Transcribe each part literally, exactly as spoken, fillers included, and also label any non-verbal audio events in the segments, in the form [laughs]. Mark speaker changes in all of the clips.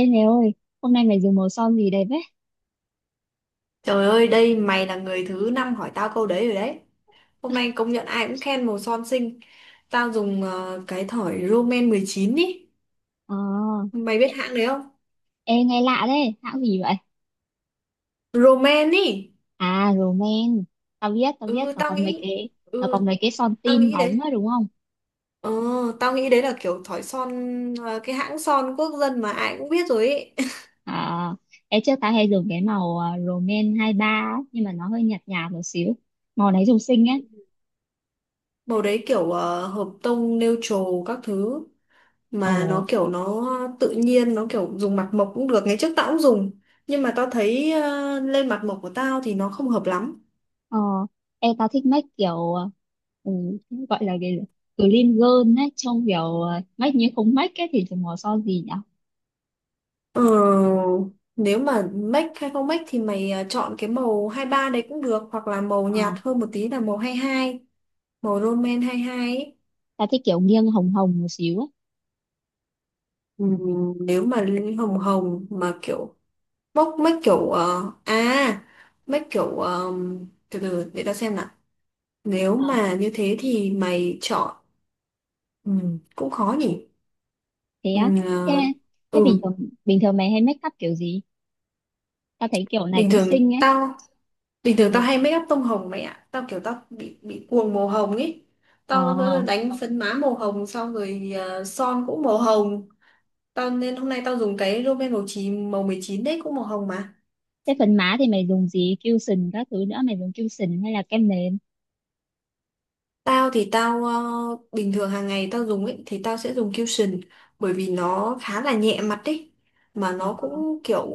Speaker 1: Ê mày ơi, hôm nay mày dùng màu son gì đẹp đấy?
Speaker 2: Trời ơi, đây mày là người thứ năm hỏi tao câu đấy rồi đấy. Hôm nay công nhận ai cũng khen màu son xinh. Tao dùng ờ, cái thỏi Roman mười chín ý.
Speaker 1: Ờ,
Speaker 2: Mày biết hãng đấy không?
Speaker 1: ê nghe lạ đấy, hãng gì vậy?
Speaker 2: Roman ý.
Speaker 1: À, roman, tao biết, tao biết,
Speaker 2: Ừ,
Speaker 1: tao
Speaker 2: tao
Speaker 1: có mấy
Speaker 2: nghĩ.
Speaker 1: cái, tao
Speaker 2: Ừ,
Speaker 1: có mấy cái son
Speaker 2: tao
Speaker 1: tin
Speaker 2: nghĩ
Speaker 1: bóng
Speaker 2: đấy.
Speaker 1: á đúng không?
Speaker 2: Ờ, tao nghĩ đấy là kiểu thỏi son, ờ, cái hãng son quốc dân mà ai cũng biết rồi ý. [laughs]
Speaker 1: À, ê trước tao hay dùng cái màu à, Roman hai ba á, nhưng mà nó hơi nhạt nhạt một xíu. Màu này dùng xinh ấy.
Speaker 2: Màu đấy kiểu ờ, hợp tông, neutral các thứ.
Speaker 1: Ồ,
Speaker 2: Mà nó kiểu nó tự nhiên, nó kiểu dùng mặt mộc cũng được. Ngày trước tao cũng dùng, nhưng mà tao thấy ờ, lên mặt mộc của tao thì nó không hợp lắm.
Speaker 1: ờ, ê tao thích make kiểu, à, ừ, gọi là cái gì? Clean girl ấy, trông kiểu à, make như không make ấy thì dùng màu son gì nhỉ?
Speaker 2: Ờ, nếu mà make hay không make thì mày ờ, chọn cái màu hai ba đấy cũng được, hoặc là màu
Speaker 1: Ờ,
Speaker 2: nhạt hơn một tí là màu hai hai, màu Roman hai hai ấy.
Speaker 1: tao thích kiểu nghiêng hồng hồng một xíu ấy.
Speaker 2: Ừ, nếu mà lên hồng hồng mà kiểu bốc make kiểu ờ, à make kiểu ờ, từ từ để tao xem nào. Nếu mà như thế thì mày chọn, ừ, cũng khó nhỉ.
Speaker 1: Thế
Speaker 2: Ừ,
Speaker 1: á? Thế thế
Speaker 2: ừ,
Speaker 1: bình thường bình thường mày hay make up kiểu gì? Tao thấy kiểu này
Speaker 2: bình
Speaker 1: cũng
Speaker 2: thường
Speaker 1: xinh ấy.
Speaker 2: tao bình thường tao
Speaker 1: Được.
Speaker 2: hay make up tông hồng mày ạ. Tao kiểu tao bị bị cuồng màu hồng ấy.
Speaker 1: Ờ,
Speaker 2: Tao nó đánh phấn má màu hồng, xong rồi ờ, son cũng màu hồng. Tao nên hôm nay tao dùng cái Rimmel màu chín màu mười chín đấy cũng màu hồng mà.
Speaker 1: thế phần má thì mày dùng gì, cushion các thứ nữa, mày dùng cushion hay là kem nền?
Speaker 2: Tao thì tao ờ, bình thường hàng ngày tao dùng ấy thì tao sẽ dùng Cushion, bởi vì nó khá là nhẹ mặt ấy. Mà
Speaker 1: Ờ,
Speaker 2: nó cũng kiểu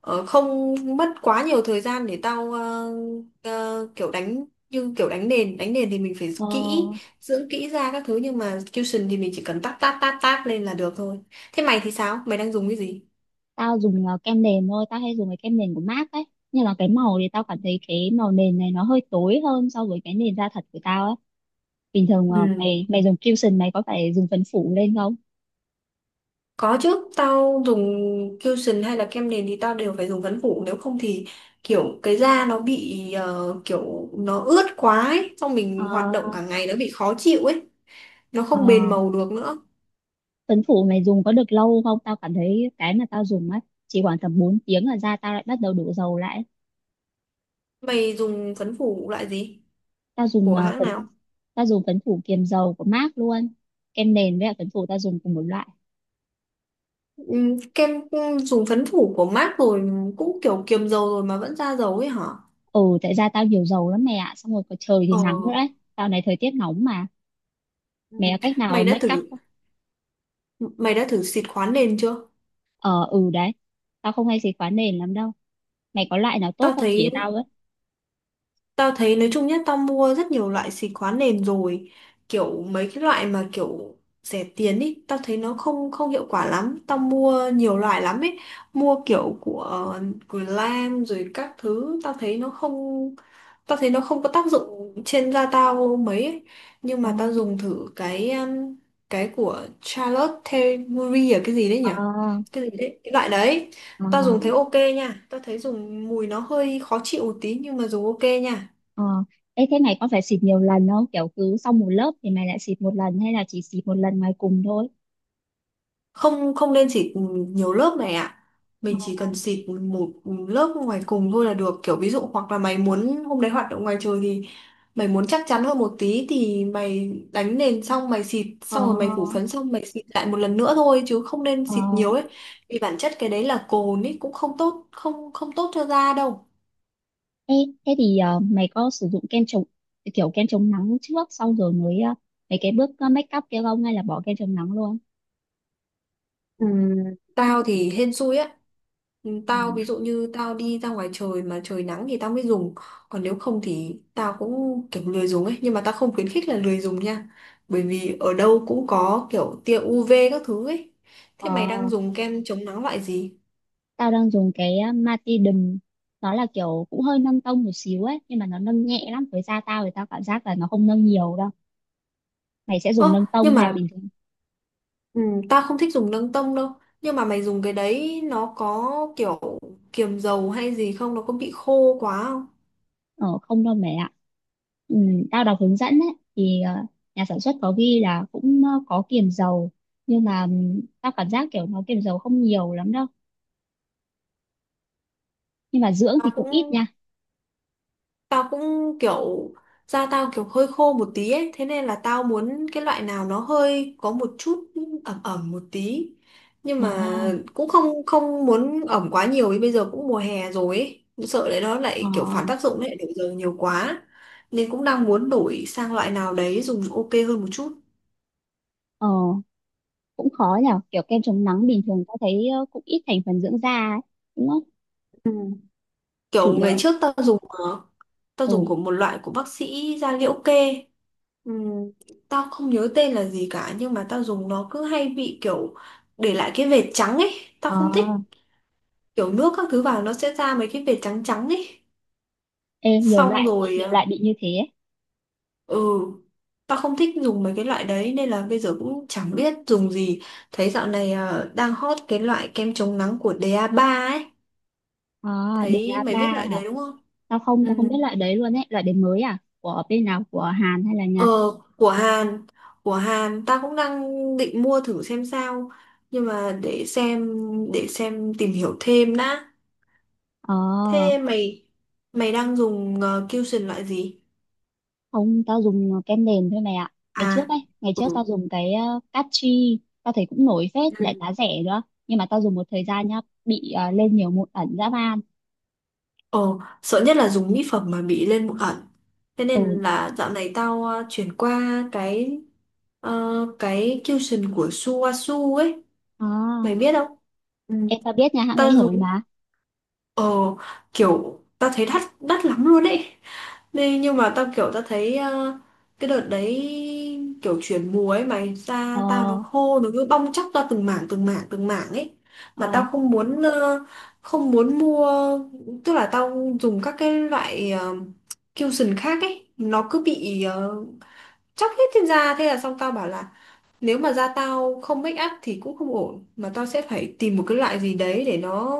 Speaker 2: ờ, không mất quá nhiều thời gian để tao ờ, ờ, kiểu đánh, như kiểu đánh nền. Đánh nền thì mình phải
Speaker 1: ờ,
Speaker 2: kỹ dưỡng kỹ ra các thứ, nhưng mà Cushion thì mình chỉ cần tát tát tát tát lên là được thôi. Thế mày thì sao? Mày đang dùng cái gì?
Speaker 1: tao dùng ờ, kem nền thôi, tao hay dùng cái kem nền của em ây xê ấy, nhưng mà cái màu thì tao cảm thấy cái màu nền này nó hơi tối hơn so với cái nền da thật của tao ấy. Bình thường ờ,
Speaker 2: Ừ.
Speaker 1: mày mày dùng cushion mày có phải dùng phấn phủ lên không?
Speaker 2: Có chứ, tao dùng cushion hay là kem nền thì tao đều phải dùng phấn phủ, nếu không thì kiểu cái da nó bị ờ, kiểu nó ướt quá ấy, xong
Speaker 1: Ờ,
Speaker 2: mình hoạt động cả ngày nó bị khó chịu ấy, nó
Speaker 1: ờ,
Speaker 2: không bền màu được nữa.
Speaker 1: Tuấn Phủ mày dùng có được lâu không? Tao cảm thấy cái mà tao dùng á chỉ khoảng tầm bốn tiếng là da tao lại bắt đầu đổ dầu lại.
Speaker 2: Mày dùng phấn phủ loại gì?
Speaker 1: Tao dùng
Speaker 2: Của
Speaker 1: ờ,
Speaker 2: hãng
Speaker 1: phấn
Speaker 2: nào?
Speaker 1: tao dùng phấn phủ kiềm dầu của em ây xê luôn. Kem nền với lại phấn phủ tao dùng cùng một loại.
Speaker 2: Ừm, kem ừm, dùng phấn phủ của MAC rồi, cũng kiểu kiềm dầu rồi mà vẫn ra dầu ấy hả?
Speaker 1: Ừ, tại da tao nhiều dầu lắm mẹ ạ. Xong rồi có trời thì
Speaker 2: Ờ.
Speaker 1: nắng nữa đấy. Dạo này thời tiết nóng mà.
Speaker 2: Ừ.
Speaker 1: Mẹ có cách nào
Speaker 2: Mày đã
Speaker 1: make up
Speaker 2: thử
Speaker 1: không?
Speaker 2: Mày đã thử xịt khoáng nền chưa?
Speaker 1: Ờ, ừ đấy. Tao không hay xịt khóa nền lắm đâu. Mày có loại nào tốt
Speaker 2: Tao
Speaker 1: không,
Speaker 2: thấy
Speaker 1: chỉ tao với.
Speaker 2: Tao thấy nói chung nhá, tao mua rất nhiều loại xịt khóa nền rồi. Kiểu mấy cái loại mà kiểu rẻ tiền ý, tao thấy nó không không hiệu quả lắm. Tao mua nhiều loại lắm ấy, mua kiểu của của Lam rồi các thứ, tao thấy nó không, tao thấy nó không có tác dụng trên da tao mấy ấy. Nhưng
Speaker 1: Ờ,
Speaker 2: mà tao dùng thử cái um, cái của Charlotte Tilbury, à, cái gì đấy
Speaker 1: ờ,
Speaker 2: nhỉ? Cái gì đấy, cái loại đấy.
Speaker 1: ờ,
Speaker 2: Tao dùng thấy ok nha, tao thấy dùng mùi nó hơi khó chịu một tí nhưng mà dùng ok nha.
Speaker 1: ờ, ê thế này có phải xịt nhiều lần không? Kiểu cứ sau một lớp thì mày lại xịt một lần hay là chỉ xịt một lần ngoài cùng thôi?
Speaker 2: Không không nên xịt nhiều lớp này ạ. Mình chỉ cần xịt một lớp ngoài cùng thôi là được, kiểu ví dụ hoặc là mày muốn hôm đấy hoạt động ngoài trời thì mày muốn chắc chắn hơn một tí thì mày đánh nền xong mày xịt
Speaker 1: Ờ,
Speaker 2: xong rồi mày phủ
Speaker 1: ờ,
Speaker 2: phấn xong mày xịt lại một lần nữa thôi, chứ không nên
Speaker 1: ờ.
Speaker 2: xịt nhiều ấy. Vì bản chất cái đấy là cồn ấy, cũng không tốt, không không tốt cho da đâu.
Speaker 1: Ê, thế thì ờ, mày có sử dụng kem chống, kiểu kem chống nắng trước xong rồi mới ờ, mấy cái bước ờ, make up kia không, hay là bỏ kem chống nắng luôn?
Speaker 2: Ừ, tao thì hên xui á. Ừ,
Speaker 1: Ờ,
Speaker 2: tao ví dụ như tao đi ra ngoài trời mà trời nắng thì tao mới dùng. Còn nếu không thì tao cũng kiểu lười dùng ấy. Nhưng mà tao không khuyến khích là lười dùng nha. Bởi vì ở đâu cũng có kiểu tia u vê các thứ ấy.
Speaker 1: ờ,
Speaker 2: Thế mày đang dùng kem chống nắng loại gì?
Speaker 1: tao đang dùng cái ờ, Matidum, nó là kiểu cũng hơi nâng tông một xíu ấy, nhưng mà nó nâng nhẹ lắm, với da tao thì tao cảm giác là nó không nâng nhiều đâu. Mày sẽ dùng
Speaker 2: Ơ,
Speaker 1: nâng
Speaker 2: nhưng
Speaker 1: tông hay
Speaker 2: mà
Speaker 1: là bình thường?
Speaker 2: ừ, tao không thích dùng nâng tông đâu. Nhưng mà mày dùng cái đấy nó có kiểu kiềm dầu hay gì không? Nó có bị khô quá không?
Speaker 1: Ờ, không đâu mẹ ạ. Ừ, tao đọc hướng dẫn ấy, thì ờ, nhà sản xuất có ghi là cũng ờ, có kiềm dầu, nhưng mà ừm, tao cảm giác kiểu nó kiềm dầu không nhiều lắm đâu, nhưng mà dưỡng thì
Speaker 2: Tao
Speaker 1: cũng ít
Speaker 2: cũng
Speaker 1: nha.
Speaker 2: Tao cũng kiểu da tao kiểu hơi khô một tí ấy, thế nên là tao muốn cái loại nào nó hơi có một chút ẩm ẩm một tí. Nhưng
Speaker 1: Ờ,
Speaker 2: mà cũng không không muốn ẩm quá nhiều, vì bây giờ cũng mùa hè rồi ấy, cũng sợ đấy nó
Speaker 1: ờ,
Speaker 2: lại kiểu phản tác dụng lại đổi giờ nhiều quá. Nên cũng đang muốn đổi sang loại nào đấy dùng ok hơn một chút.
Speaker 1: ờ, cũng khó nhở, kiểu kem chống nắng bình thường tao thấy ờ, cũng ít thành phần dưỡng da ấy, đúng không?
Speaker 2: Ừ.
Speaker 1: Chủ
Speaker 2: Kiểu ngày
Speaker 1: yếu
Speaker 2: trước tao dùng ờ, tao
Speaker 1: ừ,
Speaker 2: dùng của một loại của bác sĩ da liễu kê. Ừm, tao không nhớ tên là gì cả, nhưng mà tao dùng nó cứ hay bị kiểu để lại cái vệt trắng ấy, tao
Speaker 1: ờ,
Speaker 2: không thích kiểu nước các thứ vào nó sẽ ra mấy cái vệt trắng trắng ấy,
Speaker 1: ê, nhiều
Speaker 2: xong
Speaker 1: loại,
Speaker 2: rồi
Speaker 1: nhiều
Speaker 2: à,
Speaker 1: loại bị như thế ấy.
Speaker 2: ừ, tao không thích dùng mấy cái loại đấy nên là bây giờ cũng chẳng biết dùng gì. Thấy dạo này à, đang hot cái loại kem chống nắng của da ba ấy.
Speaker 1: Ờ, đề
Speaker 2: Thấy mày
Speaker 1: a ba
Speaker 2: biết loại
Speaker 1: hả?
Speaker 2: đấy đúng không?
Speaker 1: tao không
Speaker 2: Ừ.
Speaker 1: tao không biết loại đấy luôn ấy, loại đấy mới à, của bên nào, của Hàn hay là
Speaker 2: Ờ,
Speaker 1: Nhật?
Speaker 2: của Hàn, của Hàn ta cũng đang định mua thử xem sao, nhưng mà để xem, để xem tìm hiểu thêm đã.
Speaker 1: Ờ,
Speaker 2: Thế mày mày đang dùng uh, Cushion loại gì?
Speaker 1: không, tao dùng ờ, kem nền thôi mày ạ. Ngày trước
Speaker 2: À,
Speaker 1: ấy, ngày
Speaker 2: ừ.
Speaker 1: trước tao dùng cái uh, Cachi, tao thấy cũng nổi phết, lại
Speaker 2: Ừ.
Speaker 1: giá rẻ nữa. Nhưng mà tao dùng một thời gian nhá, bị ờ, lên nhiều mụn ẩn dã man.
Speaker 2: Ờ, sợ nhất là dùng mỹ phẩm mà bị lên mụn ẩn. Thế
Speaker 1: Ừ,
Speaker 2: nên là dạo này tao ờ, chuyển qua cái ờ, cái Cushion của suasu ấy,
Speaker 1: à,
Speaker 2: mày biết không? Ừ.
Speaker 1: em tao biết nhà hãng ấy
Speaker 2: Tao
Speaker 1: nổi
Speaker 2: dùng.
Speaker 1: mà.
Speaker 2: Ờ, kiểu tao thấy đắt đắt lắm luôn ấy. Nên nhưng mà tao kiểu tao thấy ờ, cái đợt đấy kiểu chuyển mùa ấy mày,
Speaker 1: Ờ,
Speaker 2: da tao nó khô nó cứ bong tróc ra từng mảng từng mảng từng mảng ấy. Mà
Speaker 1: ờ,
Speaker 2: tao không muốn ờ, không muốn mua, tức là tao dùng các cái loại ờ, cushion khác ấy, nó cứ bị ờ, tróc hết trên da. Thế là xong, tao bảo là nếu mà da tao không make up thì cũng không ổn, mà tao sẽ phải tìm một cái loại gì đấy để nó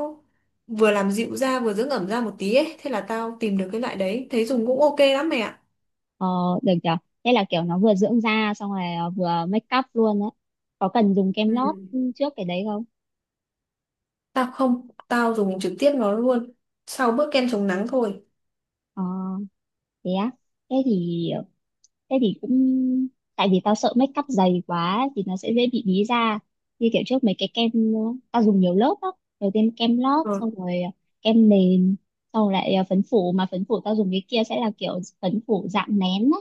Speaker 2: vừa làm dịu da vừa dưỡng ẩm da một tí ấy. Thế là tao tìm được cái loại đấy thấy dùng cũng ok lắm mẹ ạ.
Speaker 1: ờ, được chưa? Thế là kiểu nó vừa dưỡng da, xong rồi ờ, vừa make up luôn đấy. Có cần dùng kem
Speaker 2: Ừ.
Speaker 1: lót trước cái đấy không?
Speaker 2: Tao không, tao dùng trực tiếp nó luôn sau bước kem chống nắng thôi.
Speaker 1: Ờ, thế á. Thế thì ờ, thế thì cũng, tại vì tao sợ make up dày quá thì nó sẽ dễ bị bí da, như kiểu trước mấy cái kem ờ, tao dùng nhiều lớp á, đầu tiên kem lót,
Speaker 2: Ờ.
Speaker 1: xong rồi ờ, kem nền, xong rồi lại ờ, phấn phủ, mà phấn phủ tao dùng cái kia sẽ là kiểu phấn phủ dạng nén á,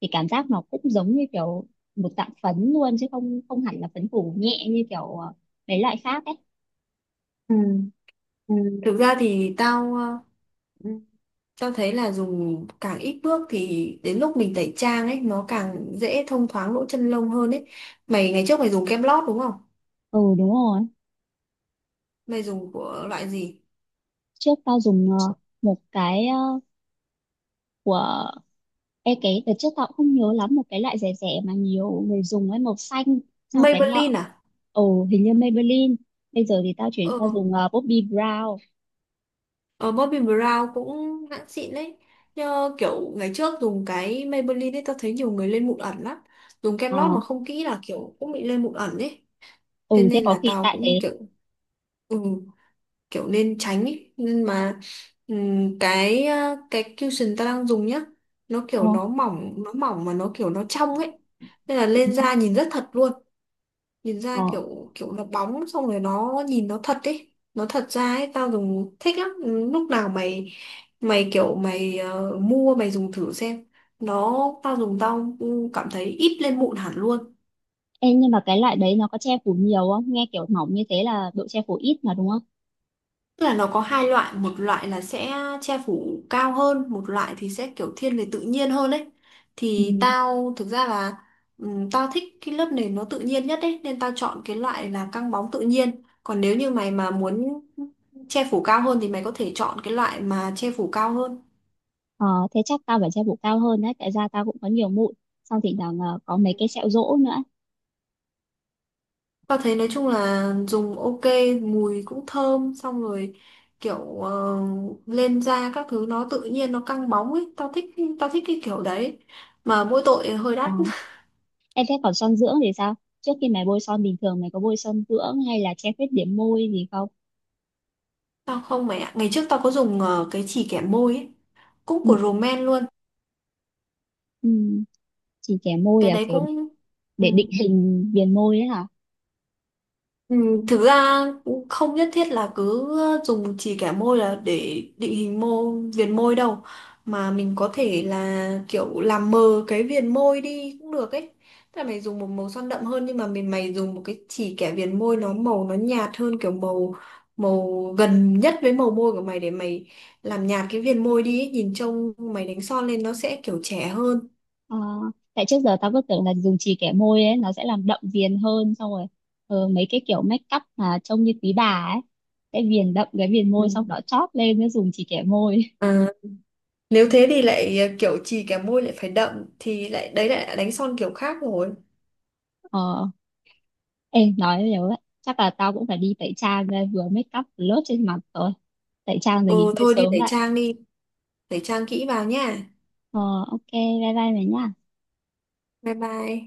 Speaker 1: thì cảm giác nó cũng giống như kiểu một dạng phấn luôn, chứ không không hẳn là phấn phủ nhẹ như kiểu ờ, mấy loại khác ấy.
Speaker 2: Ừ. Ừ. Thực ra thì tao, ờ, ừ, tao thấy là dùng càng ít bước thì đến lúc mình tẩy trang ấy nó càng dễ thông thoáng lỗ chân lông hơn ấy. Mày ngày trước mày dùng kem lót đúng không?
Speaker 1: Ừ đúng rồi,
Speaker 2: Mày dùng của loại gì?
Speaker 1: trước tao dùng ờ, một cái ờ, của ê, cái đợt trước tao cũng không nhớ lắm, một cái loại rẻ rẻ mà nhiều người dùng ấy, màu xanh, sau cái lọ.
Speaker 2: Maybelline à?
Speaker 1: Ồ, hình như Maybelline. Bây giờ thì tao chuyển
Speaker 2: Ờ,
Speaker 1: qua dùng uh, Bobbi Brown.
Speaker 2: ờ, Bobbi Brown cũng hãng xịn đấy. Nhờ kiểu ngày trước dùng cái Maybelline ấy, tao thấy nhiều người lên mụn ẩn lắm. Dùng kem
Speaker 1: Ờ,
Speaker 2: lót mà không kỹ là kiểu cũng bị lên mụn ẩn ấy. Thế
Speaker 1: ừ thế
Speaker 2: nên
Speaker 1: có
Speaker 2: là
Speaker 1: khi
Speaker 2: tao
Speaker 1: tại
Speaker 2: cũng
Speaker 1: thế.
Speaker 2: kiểu ừ, kiểu nên tránh ấy. Nhưng mà ừm, cái ờ, cái cushion tao đang dùng nhá. Nó
Speaker 1: Ờ,
Speaker 2: kiểu nó mỏng nó mỏng mà nó kiểu nó trong ấy. Nên là
Speaker 1: ừ.
Speaker 2: lên da nhìn rất thật luôn. Nhìn
Speaker 1: Ờ,
Speaker 2: ra kiểu kiểu nó bóng, xong rồi nó nhìn nó thật ấy, nó thật ra ấy, tao dùng thích lắm. Ừ, lúc nào mày mày kiểu mày ờ, mua mày dùng thử xem. Nó, tao dùng tao ừ, cảm thấy ít lên mụn hẳn luôn.
Speaker 1: ê, nhưng mà cái loại đấy nó có che phủ nhiều không? Nghe kiểu mỏng như thế là độ che phủ ít mà, đúng không?
Speaker 2: Tức là nó có hai loại, một loại là sẽ che phủ cao hơn, một loại thì sẽ kiểu thiên về tự nhiên hơn ấy.
Speaker 1: Ừ.
Speaker 2: Thì tao thực ra là ừm, tao thích cái lớp nền nó tự nhiên nhất ấy, nên tao chọn cái loại là căng bóng tự nhiên. Còn nếu như mày mà muốn che phủ cao hơn thì mày có thể chọn cái loại mà che phủ cao hơn.
Speaker 1: Ờ, thế chắc tao phải che phủ cao hơn đấy, tại da tao cũng có nhiều mụn, xong thì là có mấy cái sẹo rỗ nữa.
Speaker 2: Tao thấy nói chung là dùng ok, mùi cũng thơm, xong rồi kiểu ờ, lên da các thứ nó tự nhiên nó căng bóng ấy, tao thích tao thích cái kiểu đấy. Mà mỗi tội hơi
Speaker 1: Ờ.
Speaker 2: đắt.
Speaker 1: Em thấy còn son dưỡng thì sao? Trước khi mày bôi son bình thường, mày có bôi son dưỡng hay là che khuyết điểm môi gì không?
Speaker 2: Tao không mày ạ. Ngày trước tao có dùng ờ, cái chì kẻ môi ấy. Cũng
Speaker 1: Ừ.
Speaker 2: của Roman luôn.
Speaker 1: Ừ. Chỉ kẻ môi
Speaker 2: Cái
Speaker 1: là
Speaker 2: đấy
Speaker 1: kiểu
Speaker 2: cũng... Ừ.
Speaker 1: để định hình viền môi ấy hả?
Speaker 2: Ừ, thực ra cũng không nhất thiết là cứ dùng chỉ kẻ môi là để định hình mô viền môi đâu, mà mình có thể là kiểu làm mờ cái viền môi đi cũng được ấy. Tức là mày dùng một màu son đậm hơn, nhưng mà mình mày dùng một cái chỉ kẻ viền môi nó màu nó nhạt hơn kiểu màu màu gần nhất với màu môi của mày để mày làm nhạt cái viền môi đi ấy. Nhìn trông mày đánh son lên nó sẽ kiểu trẻ hơn.
Speaker 1: Ờ, tại trước giờ tao cứ tưởng là dùng chì kẻ môi ấy nó sẽ làm đậm viền hơn, xong rồi ờ, mấy cái kiểu make up mà trông như quý bà ấy sẽ viền đậm cái viền môi, xong
Speaker 2: Ừ.
Speaker 1: đó chóp lên mới dùng chì kẻ môi.
Speaker 2: Ờ, nếu thế thì lại ờ, kiểu chì cái môi lại phải đậm thì lại đấy lại đánh son kiểu khác rồi.
Speaker 1: Ờ, em nói nhiều ấy. Chắc là tao cũng phải đi tẩy trang đây, vừa make up vừa lót trên mặt rồi. Tẩy trang rồi nghỉ
Speaker 2: Ừ
Speaker 1: ngơi
Speaker 2: thôi đi
Speaker 1: sớm
Speaker 2: tẩy
Speaker 1: lại.
Speaker 2: trang đi, tẩy trang kỹ vào nha.
Speaker 1: Ờ, ok, bye bye mày nhá.
Speaker 2: Bye bye.